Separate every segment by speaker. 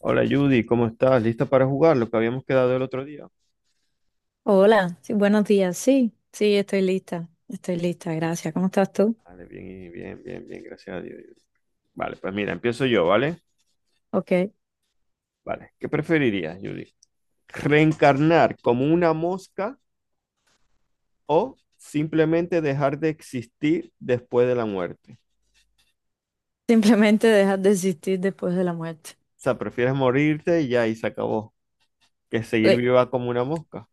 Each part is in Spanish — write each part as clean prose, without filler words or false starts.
Speaker 1: Hola Judy, ¿cómo estás? ¿Lista para jugar lo que habíamos quedado el otro día?
Speaker 2: Hola, sí, buenos días. Sí, sí, estoy lista. Estoy lista, gracias. ¿Cómo estás tú?
Speaker 1: Vale, bien, y bien, gracias a Dios. Judy. Vale, pues mira, empiezo yo, ¿vale?
Speaker 2: Ok.
Speaker 1: Vale, ¿qué preferirías, Judy? ¿Reencarnar como una mosca o simplemente dejar de existir después de la muerte?
Speaker 2: Simplemente dejas de existir después de la muerte.
Speaker 1: O sea, ¿prefieres morirte y ya y se acabó que seguir
Speaker 2: Sí.
Speaker 1: viva como una mosca?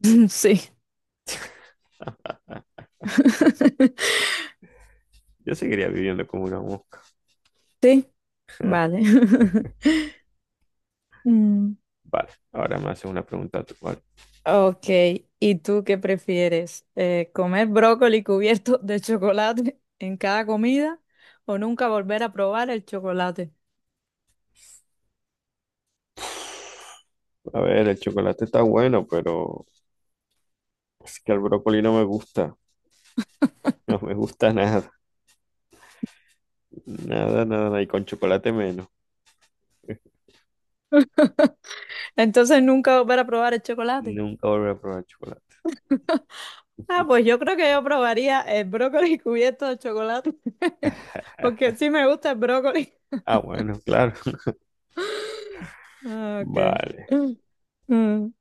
Speaker 2: Sí.
Speaker 1: Yo seguiría viviendo como una mosca.
Speaker 2: Sí, vale. Mm.
Speaker 1: Vale, ahora me haces una pregunta tú, ¿vale?
Speaker 2: Ok, ¿y tú qué prefieres? ¿Comer brócoli cubierto de chocolate en cada comida o nunca volver a probar el chocolate?
Speaker 1: A ver, el chocolate está bueno, pero es que el brócoli no me gusta. No me gusta nada, nada, nada, nada. Y con chocolate menos.
Speaker 2: Entonces, nunca volver a probar el chocolate.
Speaker 1: Nunca volveré a probar chocolate.
Speaker 2: Ah, pues yo creo que yo probaría el brócoli cubierto de chocolate, porque sí me gusta el brócoli.
Speaker 1: Ah, bueno, claro.
Speaker 2: Ah, ok.
Speaker 1: Vale,
Speaker 2: Mm,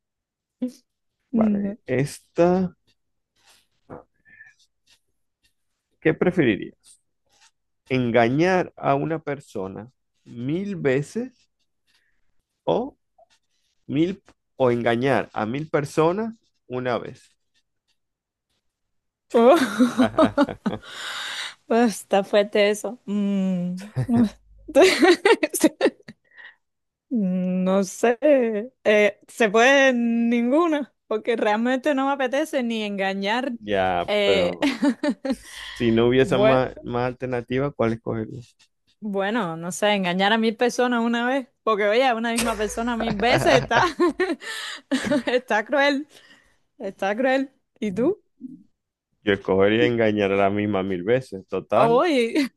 Speaker 2: mm.
Speaker 1: vale. Esta, ¿qué preferirías? ¿Engañar a una persona mil veces o mil o engañar a mil personas una vez?
Speaker 2: Oh. Pues, está fuerte eso. Mm. No sé. Se puede ninguna, porque realmente no me apetece ni engañar.
Speaker 1: Ya,
Speaker 2: Eh,
Speaker 1: pero si no hubiese
Speaker 2: Bueno.
Speaker 1: más alternativa, ¿cuál escogerías?
Speaker 2: Bueno, no sé, engañar a 1.000 personas una vez, porque oye, a una misma persona 1.000 veces está, está cruel, está cruel. ¿Y tú?
Speaker 1: Yo escogería engañar a la misma mil veces. Total,
Speaker 2: Oye.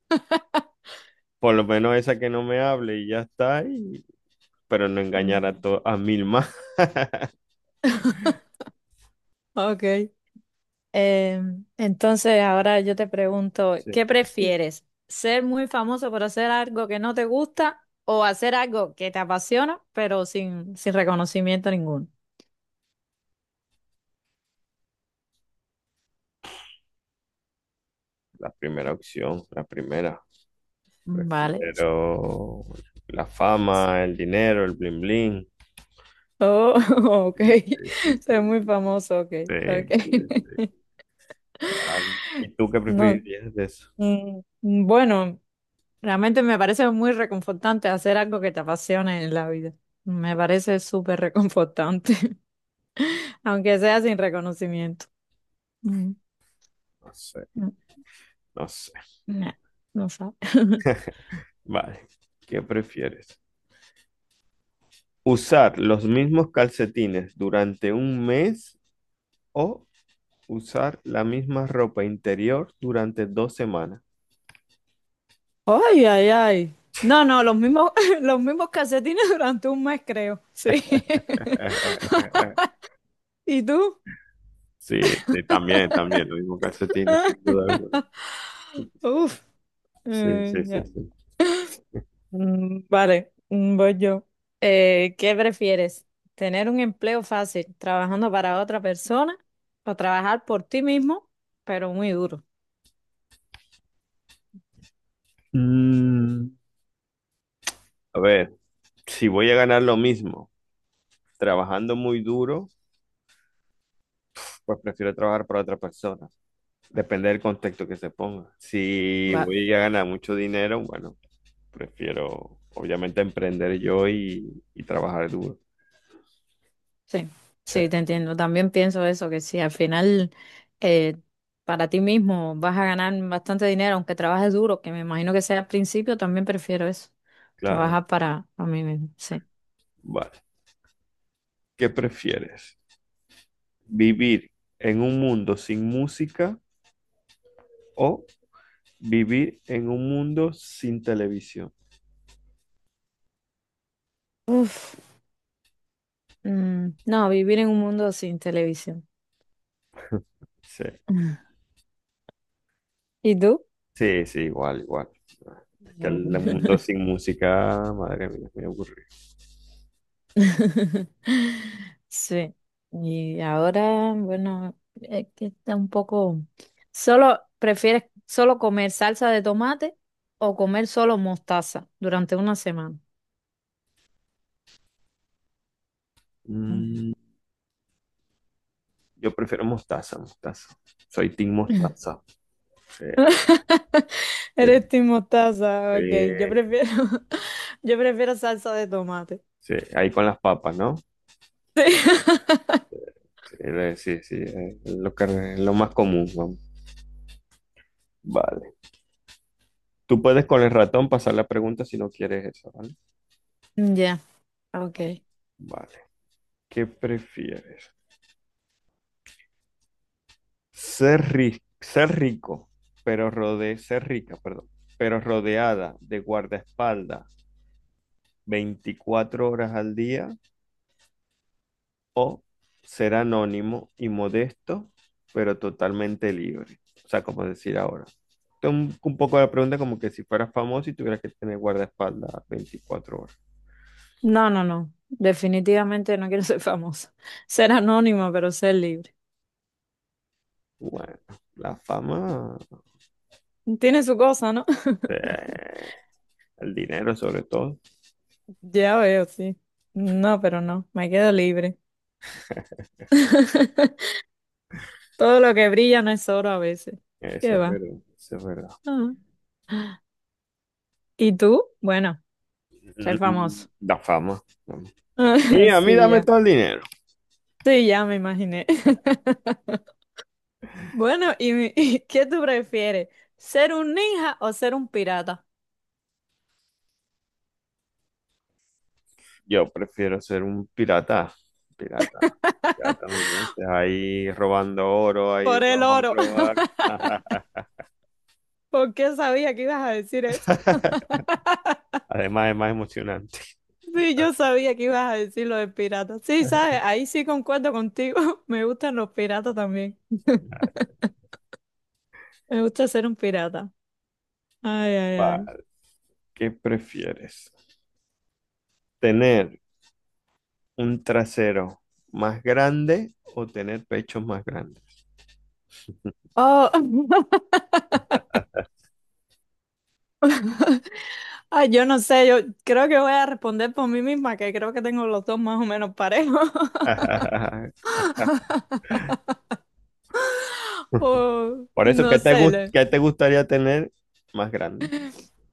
Speaker 1: por lo menos esa que no me hable y ya está, y pero no engañar a,
Speaker 2: Mm.
Speaker 1: to- a mil más.
Speaker 2: Ok. Eh, entonces, ahora yo te pregunto,
Speaker 1: Sí,
Speaker 2: ¿qué prefieres? ¿Ser muy famoso por hacer algo que no te gusta o hacer algo que te apasiona, pero sin, sin reconocimiento ninguno?
Speaker 1: la primera opción, la primera.
Speaker 2: Mm. Vale.
Speaker 1: Prefiero la fama, el dinero, el bling bling.
Speaker 2: Oh, ok.
Speaker 1: Sí, sí, sí, sí,
Speaker 2: Ser muy famoso, ok,
Speaker 1: sí, sí,
Speaker 2: ok.
Speaker 1: claro. ¿Y tú qué
Speaker 2: No.
Speaker 1: preferirías de eso?
Speaker 2: Bueno, realmente me parece muy reconfortante hacer algo que te apasione en la vida. Me parece súper reconfortante, aunque sea sin reconocimiento. Mm,
Speaker 1: No sé,
Speaker 2: mm,
Speaker 1: no sé.
Speaker 2: nah, no sabe.
Speaker 1: Vale, ¿qué prefieres? ¿Usar los mismos calcetines durante un mes o usar la misma ropa interior durante dos semanas?
Speaker 2: Ay, ay, ay. No, no, los mismos, los mismos calcetines durante un mes, creo. Sí.
Speaker 1: Eh, eh, eh.
Speaker 2: ¿Y tú?
Speaker 1: Sí, sí, también, también, lo mismo calcetines, sin duda alguna.
Speaker 2: Uf.
Speaker 1: Sí, sí, sí,
Speaker 2: Ya.
Speaker 1: sí.
Speaker 2: Mm. Vale, voy yo. ¿Qué prefieres? ¿Tener un empleo fácil trabajando para otra persona o trabajar por ti mismo, pero muy duro?
Speaker 1: Mm, a ver, si voy a ganar lo mismo trabajando muy duro, pues prefiero trabajar para otra persona. Depende del contexto que se ponga. Si
Speaker 2: Va,
Speaker 1: voy a ganar mucho dinero, bueno, prefiero obviamente emprender yo y trabajar duro.
Speaker 2: sí,
Speaker 1: Sí,
Speaker 2: sí, te entiendo. También pienso eso, que si al final eh, para ti mismo vas a ganar bastante dinero, aunque trabajes duro, que me imagino que sea al principio, también prefiero eso,
Speaker 1: claro.
Speaker 2: trabajar para, mí mismo, sí.
Speaker 1: Vale. ¿Qué prefieres? ¿Vivir en un mundo sin música o vivir en un mundo sin televisión?
Speaker 2: Uf, mm, no, vivir en un mundo sin televisión.
Speaker 1: Sí,
Speaker 2: ¿Y tú?
Speaker 1: sí, sí, igual, igual. Es que el mundo
Speaker 2: Mm.
Speaker 1: sin música, madre mía, me aburrido.
Speaker 2: Sí, y ahora, bueno, es que está un poco. Solo, ¿prefieres solo comer salsa de tomate o comer solo mostaza durante una semana? Mm.
Speaker 1: Mm, yo prefiero mostaza, mostaza. Soy team mostaza. Sí,
Speaker 2: Eres
Speaker 1: sí,
Speaker 2: team mostaza,
Speaker 1: sí,
Speaker 2: ok. Yo prefiero, yo prefiero salsa de tomate.
Speaker 1: sí. Ahí con las papas, ¿no?
Speaker 2: Sí.
Speaker 1: Sí, sí, sí, es lo que, es lo más común, vamos. Vale. Tú puedes con el ratón pasar la pregunta si no quieres eso, ¿vale?
Speaker 2: Ya, ok.
Speaker 1: Vale. ¿Qué prefieres? Ser rico, pero ser rica, perdón, pero rodeada de guardaespaldas 24 horas al día o ser anónimo y modesto, pero totalmente libre. O sea, como decir ahora. Esto es un poco la pregunta como que si fueras famoso y tuvieras que tener guardaespaldas 24 horas.
Speaker 2: No, no, no. Definitivamente no quiero ser famosa. Ser anónima, pero ser libre.
Speaker 1: Bueno, la fama,
Speaker 2: Tiene su cosa, ¿no?
Speaker 1: eh, el dinero sobre todo.
Speaker 2: Ya veo, sí. No, pero no, me quedo libre. Todo lo que brilla no es oro a veces.
Speaker 1: Eso
Speaker 2: ¿Qué
Speaker 1: es
Speaker 2: va?
Speaker 1: verdad, eso es verdad.
Speaker 2: Ah. ¿Y tú? Bueno, soy
Speaker 1: Mm,
Speaker 2: famoso.
Speaker 1: la fama. ¿No? Y a mí
Speaker 2: Sí,
Speaker 1: dame
Speaker 2: ya.
Speaker 1: todo el dinero.
Speaker 2: Sí, ya me imaginé. Bueno, y qué tú prefieres? ¿Ser un ninja o ser un pirata?
Speaker 1: Yo prefiero ser un pirata, pirata, pirata mil veces, ahí robando oro, ahí de
Speaker 2: Por
Speaker 1: los
Speaker 2: el oro.
Speaker 1: otros barcos.
Speaker 2: ¿Por qué sabía que ibas a decir eso?
Speaker 1: Además es más emocionante.
Speaker 2: Sí, yo sabía que ibas a decir lo de piratas. Sí, sabes, ahí sí concuerdo contigo. Me gustan los piratas también. Me gusta ser un pirata. Ay, ay, ay.
Speaker 1: Vale, ¿qué prefieres? ¿Tener un trasero más grande o tener pechos más grandes?
Speaker 2: Oh. Ay, yo no sé, yo creo que voy a responder por mí misma, que creo que tengo los dos más o menos parejos. Oh,
Speaker 1: Por eso,
Speaker 2: no sé.
Speaker 1: ¿qué te gustaría tener más grande?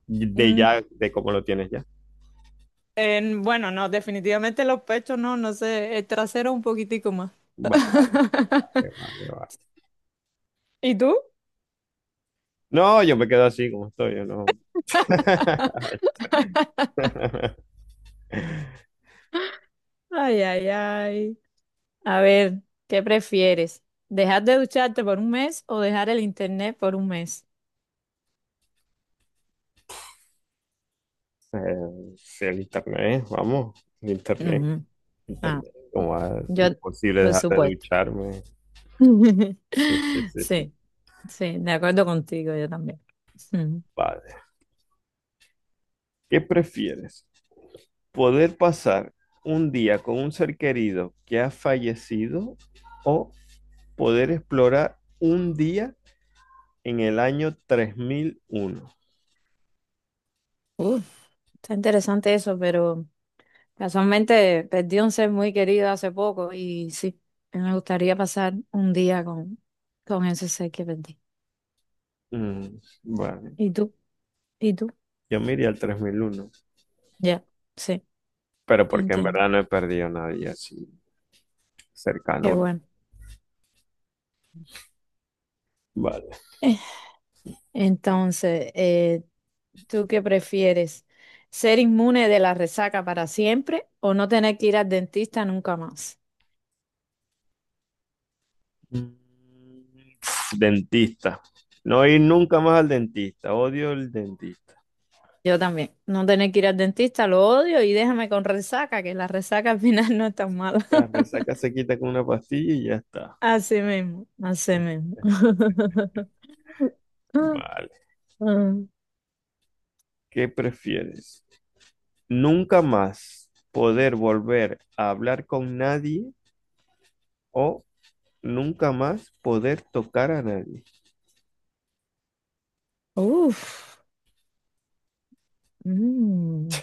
Speaker 1: De
Speaker 2: mm,
Speaker 1: ya, de cómo lo tienes ya.
Speaker 2: bueno, no, definitivamente los pechos no, no sé. El trasero un poquitico más.
Speaker 1: Vale, vale, vale.
Speaker 2: ¿Y tú?
Speaker 1: No, yo me quedo así como estoy, yo no.
Speaker 2: Ay, ay, ay. A ver, ¿qué prefieres? ¿Dejar de ducharte por un mes o dejar el internet por un mes?
Speaker 1: Sí, el internet, vamos, el internet,
Speaker 2: Ujú. Ah,
Speaker 1: internet. Como ah, es
Speaker 2: yo,
Speaker 1: imposible
Speaker 2: por
Speaker 1: dejar de
Speaker 2: supuesto.
Speaker 1: ducharme. Sí, sí, sí, sí,
Speaker 2: Sí, sí, de acuerdo contigo, yo también. Ujú.
Speaker 1: padre. ¿Qué prefieres? ¿Poder pasar un día con un ser querido que ha fallecido o poder explorar un día en el año 3001?
Speaker 2: Uh, Está interesante eso, pero casualmente perdí un ser muy querido hace poco y sí, me gustaría pasar un día con, ese ser que perdí.
Speaker 1: Mm, vale,
Speaker 2: ¿Y tú? ¿Y tú?
Speaker 1: yo me iría al tres mil uno,
Speaker 2: Ya, sí,
Speaker 1: pero
Speaker 2: te
Speaker 1: porque en
Speaker 2: entiendo.
Speaker 1: verdad no he perdido a nadie así
Speaker 2: Qué
Speaker 1: cercano.
Speaker 2: bueno.
Speaker 1: Vale.
Speaker 2: Entonces, ¿tú qué prefieres? ¿Ser inmune de la resaca para siempre o no tener que ir al dentista nunca más?
Speaker 1: Mm, dentista. No ir nunca más al dentista. Odio el dentista.
Speaker 2: Yo también, no tener que ir al dentista, lo odio y déjame con resaca, que la resaca al final no es tan mala.
Speaker 1: La resaca se quita con una pastilla y ya está.
Speaker 2: Así mismo, así mismo.
Speaker 1: Vale. ¿Qué prefieres? ¿Nunca más poder volver a hablar con nadie o nunca más poder tocar a nadie?
Speaker 2: Uf. Mm.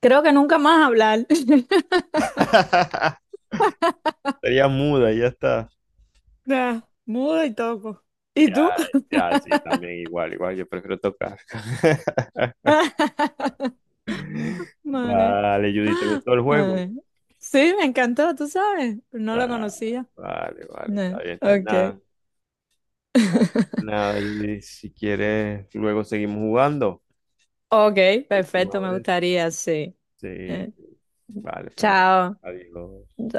Speaker 2: Creo que nunca más hablar.
Speaker 1: Sería muda, ya está.
Speaker 2: Nah, muda y toco. ¿Y tú?
Speaker 1: Ya, ya, sí, también igual, igual. Yo prefiero tocar.
Speaker 2: Vale.
Speaker 1: Vale, Judy, ¿te gustó el juego?
Speaker 2: Ay, sí, me encantó, tú sabes. No lo
Speaker 1: Ah,
Speaker 2: conocía.
Speaker 1: vale, vale,
Speaker 2: No,
Speaker 1: está bien, está bien.
Speaker 2: ok.
Speaker 1: Nada, nada, Judy, si quieres, luego seguimos jugando.
Speaker 2: Ok,
Speaker 1: Próxima
Speaker 2: perfecto, me
Speaker 1: vez.
Speaker 2: gustaría, sí.
Speaker 1: Sí,
Speaker 2: Eh,
Speaker 1: sí. Vale, pues nada.
Speaker 2: chao.
Speaker 1: Adiós.